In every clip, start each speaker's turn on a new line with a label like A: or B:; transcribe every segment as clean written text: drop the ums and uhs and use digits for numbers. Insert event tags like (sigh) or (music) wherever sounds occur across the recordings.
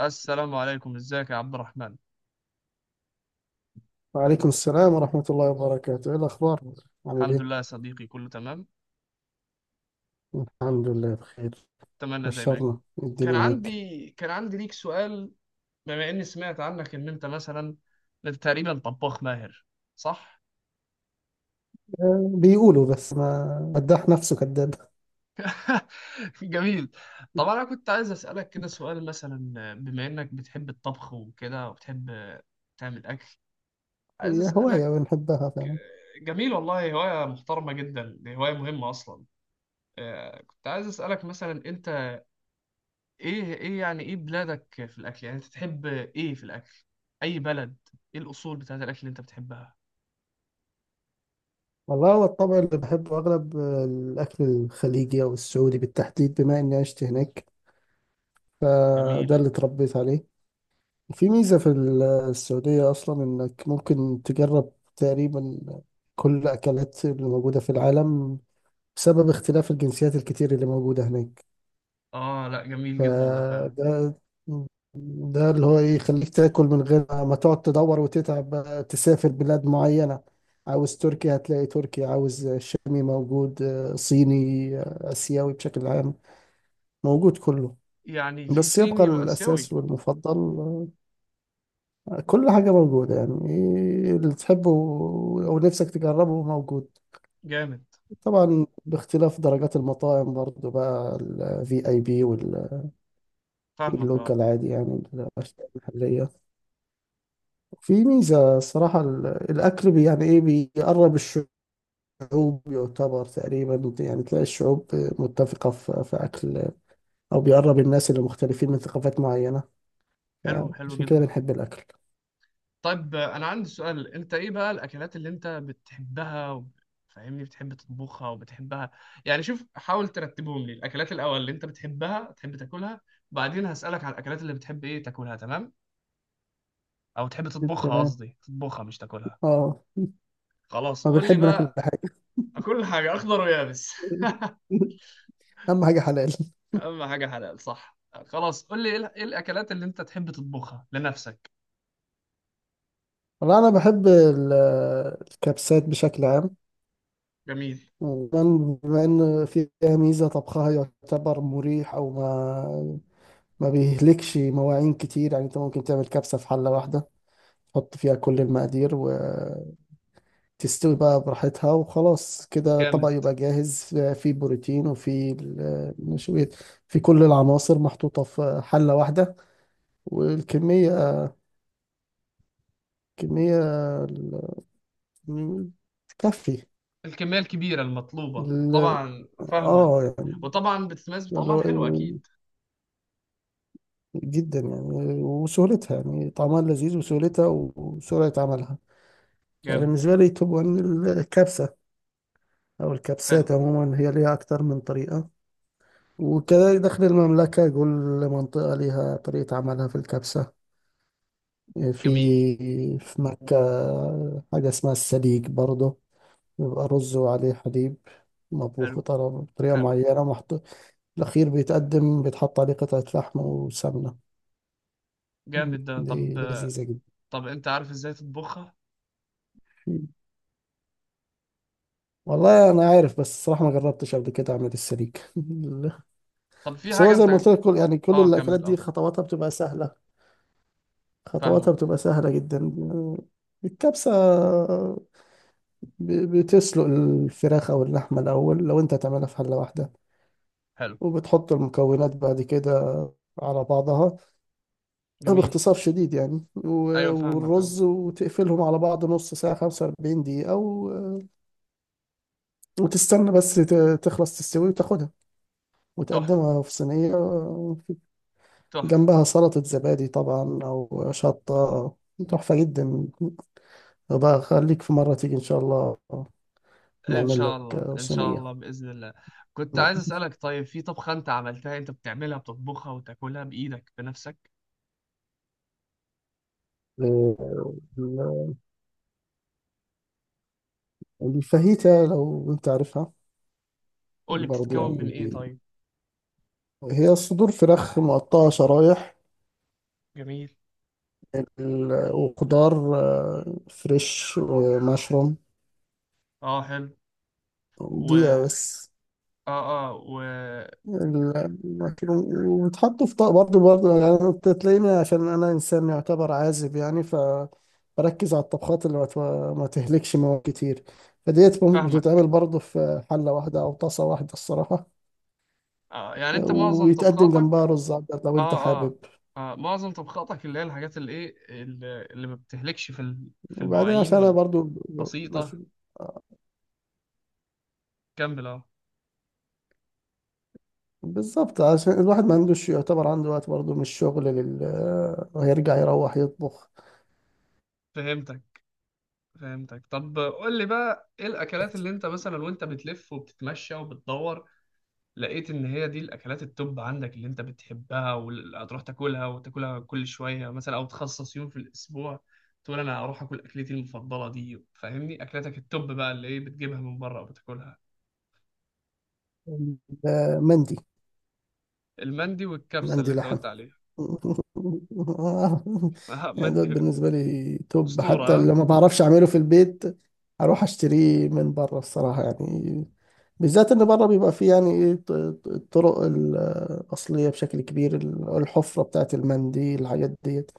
A: السلام عليكم، ازيك يا عبد الرحمن.
B: وعليكم السلام ورحمة الله وبركاته، إيه الأخبار؟ عامل
A: الحمد
B: إيه؟
A: لله يا صديقي، كله تمام.
B: الحمد لله بخير.
A: اتمنى دايما.
B: بشرنا إيه
A: كان
B: الدنيا معاك.
A: عندي كان عندي ليك سؤال. بما اني سمعت عنك ان انت مثلا تقريبا طباخ ماهر، صح؟
B: بيقولوا بس ما مداح نفسه كذاب.
A: (laughs) جميل. طبعا انا كنت عايز اسالك كده سؤال، مثلا بما انك بتحب الطبخ وكده وبتحب تعمل اكل، عايز
B: هي
A: اسالك.
B: هواية بنحبها فعلا.
A: جميل، والله هوايه محترمه جدا، دي هوايه مهمه اصلا. آه، كنت عايز اسالك مثلا انت ايه ايه يعني ايه بلادك في الاكل؟ يعني انت تحب ايه في الاكل؟ اي بلد؟ ايه الاصول بتاعت الاكل اللي انت بتحبها؟
B: والله هو الطبع اللي بحبه أغلب الأكل الخليجي أو السعودي بالتحديد، بما إني عشت هناك، فده
A: جميل.
B: اللي اتربيت عليه. في ميزة في السعودية أصلا إنك ممكن تجرب تقريبا كل الأكلات اللي موجودة في العالم، بسبب اختلاف الجنسيات الكتير اللي موجودة هناك.
A: اه لا، جميل جدا ده فعلا.
B: فده ده اللي هو يخليك تاكل من غير ما تقعد تدور وتتعب، بقى تسافر بلاد معينة. عاوز تركيا هتلاقي تركيا، عاوز شامي موجود، صيني، آسيوي بشكل عام موجود كله.
A: يعني في
B: بس يبقى
A: صيني واسيوي.
B: الأساس والمفضل، كل حاجة موجودة، يعني إيه اللي تحبه أو نفسك تجربه موجود.
A: جامد.
B: طبعا باختلاف درجات المطاعم برضو، بقى الفي اي بي
A: فاهمك، اه.
B: واللوكال عادي، يعني الأشياء المحلية. في ميزة الصراحة الأكل يعني إيه، بيقرب الشعوب، يعتبر تقريبا يعني تلاقي الشعوب متفقة في أكل، أو بيقرب الناس اللي مختلفين من ثقافات معينة،
A: حلو، حلو
B: فعشان كده
A: جدا.
B: بنحب الأكل.
A: طيب آه، انا عندي سؤال، انت ايه بقى الاكلات اللي انت بتحبها فاهمني بتحب تطبخها وبتحبها؟ يعني شوف، حاول ترتبهم لي الاكلات الاول اللي انت بتحبها تحب تاكلها، بعدين هسألك على الاكلات اللي بتحب ايه تاكلها، تمام؟ او تحب تطبخها،
B: تمام.
A: قصدي تطبخها مش تاكلها.
B: آه.
A: خلاص
B: ما
A: قول لي
B: بنحب ناكل
A: بقى.
B: كل حاجة.
A: كل حاجة أخضر ويابس. (laughs)
B: (laughs) أهم حاجة حلال.
A: أهم حاجة حلال، صح. خلاص قول لي إيه إيه الأكلات اللي أنت تحب تطبخها لنفسك؟
B: والله أنا بحب الكبسات بشكل عام،
A: جميل.
B: وكمان بما إن فيها ميزة طبخها، يعتبر مريح، أو ما بيهلكش مواعين كتير. يعني أنت ممكن تعمل كبسة في حلة واحدة، حط فيها كل المقادير وتستوي بقى براحتها، وخلاص كده طبق
A: جامد.
B: يبقى جاهز. فيه بروتين وفيه النشويات، في كل العناصر محطوطة في حلة واحدة. والكمية، كمية ال- تكفي.
A: الكمية الكبيرة المطلوبة
B: ال-
A: طبعا، فاهمك.
B: اه يعني
A: وطبعا بتتميز
B: اللي
A: بطعمها
B: هو
A: الحلو أكيد.
B: جدا يعني، وسهولتها، يعني طعمها لذيذ وسهولتها وسرعة عملها. يعني
A: جامد.
B: بالنسبة لي توب 1 الكبسة، أو
A: حلو.
B: الكبسات عموما، هي ليها أكتر من طريقة. وكذلك داخل المملكة كل منطقة لها طريقة عملها في الكبسة.
A: جميل.
B: في في مكة حاجة اسمها السليق برضه، بيبقى رز وعليه حليب،
A: حلو.
B: مطبوخ بطريقة
A: حلو.
B: معينة، محط... الأخير بيتقدم، بيتحط عليه قطعة لحم وسمنة.
A: جامد ده. طب،
B: دي لذيذة جدا.
A: طب أنت عارف إزاي تطبخها؟
B: والله أنا عارف، بس الصراحة ما جربتش قبل كده أعمل السليق.
A: طب
B: (laughs)
A: في
B: بس هو
A: حاجة
B: زي ما
A: أنت.
B: قلت لك، كل يعني كل
A: آه
B: الأكلات
A: كمل،
B: دي
A: آه.
B: خطواتها بتبقى سهلة،
A: فاهمك.
B: خطواتها بتبقى سهلة جدا. الكبسة، بتسلق الفراخ أو اللحمة الأول لو أنت هتعملها في حلة واحدة،
A: حلو.
B: وبتحط المكونات بعد كده على بعضها،
A: جميل.
B: باختصار شديد يعني،
A: أيوه فاهمك، آه.
B: والرز، وتقفلهم على بعض نص ساعة، 45 دقيقة، وتستنى بس تخلص تستوي وتاخدها
A: تحفة،
B: وتقدمها في صينية،
A: تحفة.
B: جنبها سلطة زبادي طبعا أو شطة. تحفة جدا. بقى خليك في مرة تيجي إن شاء الله،
A: ان
B: نعمل
A: شاء الله،
B: لك
A: ان شاء
B: صينية.
A: الله، باذن الله. كنت عايز اسالك، طيب في طبخه انت عملتها، انت بتعملها بتطبخها وتاكلها بايدك بنفسك؟
B: نعم. الفاهيتا لو انت عارفها،
A: قول لي
B: برضه
A: بتتكون من
B: يعني
A: ايه طيب؟
B: هي صدور فراخ مقطعة شرايح،
A: جميل.
B: وخضار فريش ومشروم.
A: اه حلو. و اه.
B: دقيقة بس.
A: اه.
B: وبتحطوا في طبق برضه. يعني انت تلاقيني، عشان انا انسان يعتبر عازب، يعني ف بركز على الطبخات اللي ما تهلكش مواد كتير، فديت
A: وفاهمك.
B: بتتعمل برضه في حلة واحدة أو طاسة واحدة الصراحة.
A: آه يعني انت معظم
B: ويتقدم جنبها
A: طبخاتك.
B: رز أبيض لو أنت
A: اه، اه.
B: حابب.
A: آه معظم طبخاتك اللي هي الحاجات اللي ايه، اللي ما بتهلكش في في
B: وبعدين
A: المواعين
B: عشان انا برضو مش
A: والبسيطه. كمل، اه.
B: بالظبط، عشان الواحد ما عندوش، يعتبر عنده وقت برضو من الشغل لل... ويرجع يروح يطبخ.
A: فهمتك، فهمتك. طب قول لي بقى، ايه الاكلات اللي انت مثلا وانت بتلف وبتتمشى وبتدور، لقيت ان هي دي الاكلات التوب عندك، اللي انت بتحبها وهتروح تاكلها وتاكلها كل شويه مثلا، او تخصص يوم في الاسبوع تقول انا هروح اكل اكلتي المفضله دي. فاهمني؟ اكلتك التوب بقى اللي ايه بتجيبها من بره وبتاكلها.
B: ال- مندي.
A: المندي والكبسه اللي
B: مندي
A: انت
B: لحم.
A: قلت عليها.
B: (laughs)
A: آه،
B: يعني دوت
A: مندي.
B: بالنسبة لي توب،
A: اسطوره،
B: حتى
A: آه؟
B: لو ما بعرفش أعمله في البيت أروح أشتريه من بره الصراحة. يعني بالذات إن بره بيبقى فيه يعني إيه الطرق الأصلية بشكل كبير، الحفرة بتاعت المنديل، الحاجات ديت.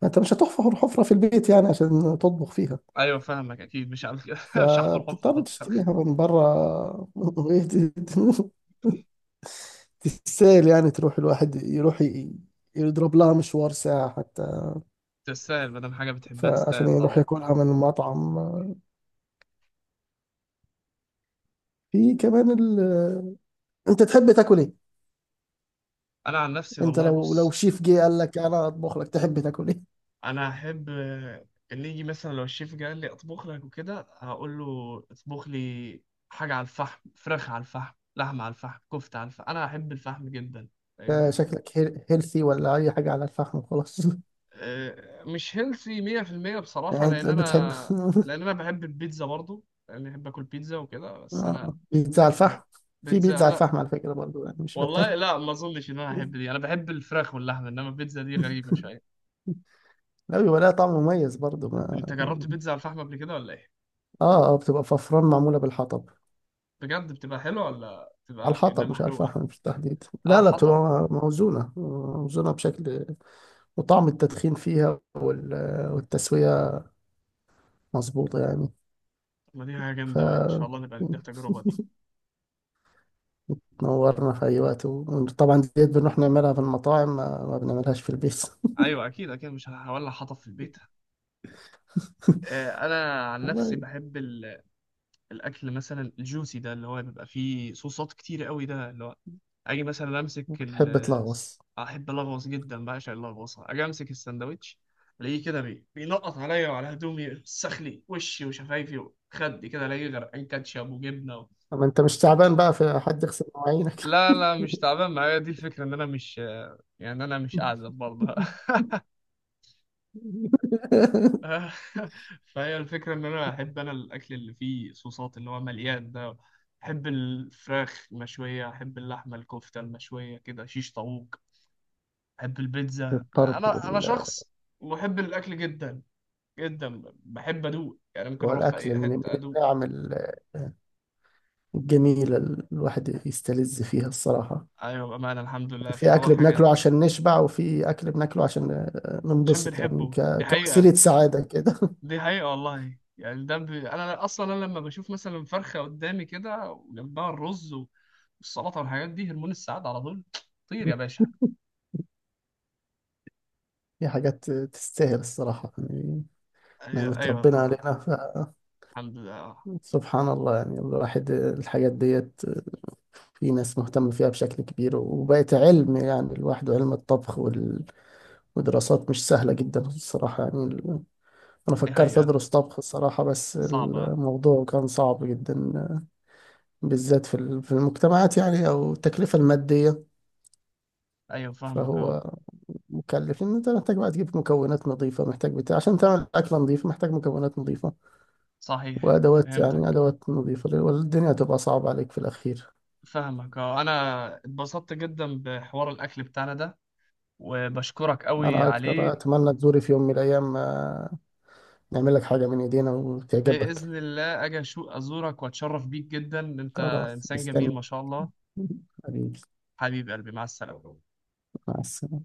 B: فأنت مش هتحفر حفرة في البيت يعني عشان تطبخ فيها،
A: ايوه فاهمك، اكيد مش هعمل كده. (laughs) مش هحفر حفره
B: فبتضطر
A: احط فرخ.
B: تشتريها من برا. (laughs) تستاهل يعني تروح، الواحد يروح يضرب لها مشوار ساعة حتى،
A: تستاهل، ما دام حاجه بتحبها
B: فعشان
A: تستاهل
B: يروح
A: طبعا.
B: ياكلها من المطعم. في كمان ال... (laughs) انت تحب تاكل ايه؟
A: انا عن نفسي
B: انت
A: والله
B: لو
A: بص،
B: شيف جه قال لك انا اطبخ لك، تحب تاكل ايه؟
A: انا احب آه، اللي يجي مثلا، لو الشيف جه قال لي اطبخ لك وكده هقول له اطبخ لي حاجه على الفحم، فراخ على الفحم، لحمه على الفحم، كفته على الفحم. انا احب الفحم جدا،
B: (laughs)
A: فاهمني.
B: شكلك هيلثي، ولا اي حاجة على الفحم وخلاص. (laughs)
A: آه، مش هيلثي 100%
B: يعني
A: بصراحه،
B: انت
A: لان
B: بتحب.
A: انا، لان انا بحب البيتزا برضو، لان بحب اكل بيتزا وكده.
B: (laughs)
A: بس انا
B: بيتزا على
A: انا
B: الفحم. في
A: بيتزا
B: بيتزا على
A: لا.
B: الفحم على فكرة برضو، يعني مش
A: والله
B: بتاكل.
A: لا، ما اظنش ان انا احب دي، انا بحب الفراخ واللحمه، انما البيتزا دي غريبه شويه.
B: (laughs) لا، بيبقى لها طعم مميز برضه، ما...
A: انت جربت بيتزا على الفحم قبل كده ولا ايه؟
B: اه بتبقى ففران معمولة بالحطب،
A: بجد؟ بتبقى حلوه ولا
B: على
A: بتبقى كانها
B: الحطب مش على الفحم
A: محروقه؟
B: بالتحديد.
A: اه،
B: لا،
A: حطب.
B: بتبقى موزونة، موزونة بشكل وطعم التدخين فيها وال... والتسوية مظبوطة يعني.
A: ما دي حاجة
B: ف
A: جامدة أوي، إن شاء الله نبقى نديها تجربة دي.
B: تنورنا في أي وقت، وطبعا ديت بنروح نعملها في المطاعم، ما بنعملهاش في البيت.
A: ايوه اكيد، اكيد مش هولع حطب في البيت.
B: (laughs)
A: آه، انا عن نفسي
B: والله.
A: بحب الاكل مثلا الجوسي، ده اللي هو بيبقى فيه صوصات كتير قوي، ده اللي هو اجي مثلا امسك
B: بتحب
A: ال
B: تلغوص.
A: احب الغوص جدا، بعشق اللغوصه. اجي امسك الساندوتش الاقيه كده بينقط عليا وعلى هدومي، يوسخ لي وشي وشفايفي وخدي كده، الاقيه غرقان كاتشب وجبنه.
B: أما أنت مش تعبان بقى في حد يغسل مواعينك.
A: لا لا، مش تعبان معايا دي، الفكره ان انا مش، يعني انا مش اعزب برضه. (laughs)
B: (laughs)
A: آه، (laughs) فهي الفكرة إن أنا أحب، أنا الأكل اللي فيه صوصات اللي هو مليان ده. أحب الفراخ المشوية، أحب اللحمة، الكفتة المشوية كده، شيش طاووق، أحب البيتزا.
B: الطرب
A: أنا
B: وال...
A: شخص محب الأكل جدا، جدا بحب أدوق، يعني ممكن أروح في
B: والأكل
A: أي
B: من
A: حتة أدوق.
B: النعم جميلة، الواحد يستلذ فيها الصراحة.
A: أيوة بأمانة، الحمد لله،
B: في
A: فهو
B: أكل بناكله
A: حاجة
B: عشان نشبع، وفي أكل بناكله عشان
A: عشان
B: ننبسط، يعني
A: بنحبه، دي حقيقة.
B: كوسيلة سعادة كده.
A: دي حقيقة والله، يعني ده أنا أصلا أنا لما بشوف مثلا فرخة قدامي كده وجنبها الرز والسلطة والحاجات دي، هرمون السعادة على طول. طير يا باشا.
B: (laughs) في حاجات تستاهل الصراحة يعني،
A: أيوة,
B: نعمة
A: أيوة
B: ربنا
A: طبعا.
B: علينا ف...
A: الحمد لله، أه.
B: سبحان الله. يعني الواحد الحاجات ديت، في ناس مهتمة فيها بشكل كبير، وبقت علم يعني، الواحد علم الطبخ وال... ودراسات مش سهلة جدا الصراحة، يعني أنا
A: دي
B: فكرت
A: حقيقة.
B: أدرس طبخ الصراحة، بس
A: صعبة، أه.
B: الموضوع كان صعب جدا، بالذات في في المجتمعات يعني، أو التكلفة المادية.
A: أيوة فاهمك، أه.
B: فهو مكلف، إن أنت محتاج بقى تجيب مكونات نظيفة، محتاج بتاع عشان تعمل أكلة نظيفة، محتاج مكونات نظيفة
A: صحيح.
B: وأدوات، يعني
A: فهمتك.
B: أدوات نظيفة، والدنيا هتبقى صعبة عليك في الأخير.
A: فاهمك، أه. أنا اتبسطت جدا بحوار الأكل بتاعنا ده وبشكرك أوي
B: أنا أكتر
A: عليه.
B: أتمنى تزوري في يوم من الأيام، نعمل لك حاجة من إيدينا وتعجبك.
A: بإذن الله أجي أزورك وأتشرف بيك جدا، أنت
B: خلاص
A: إنسان
B: مستني،
A: جميل ما شاء الله.
B: حبيبي.
A: حبيب قلبي، مع السلامة.
B: مع السلامة.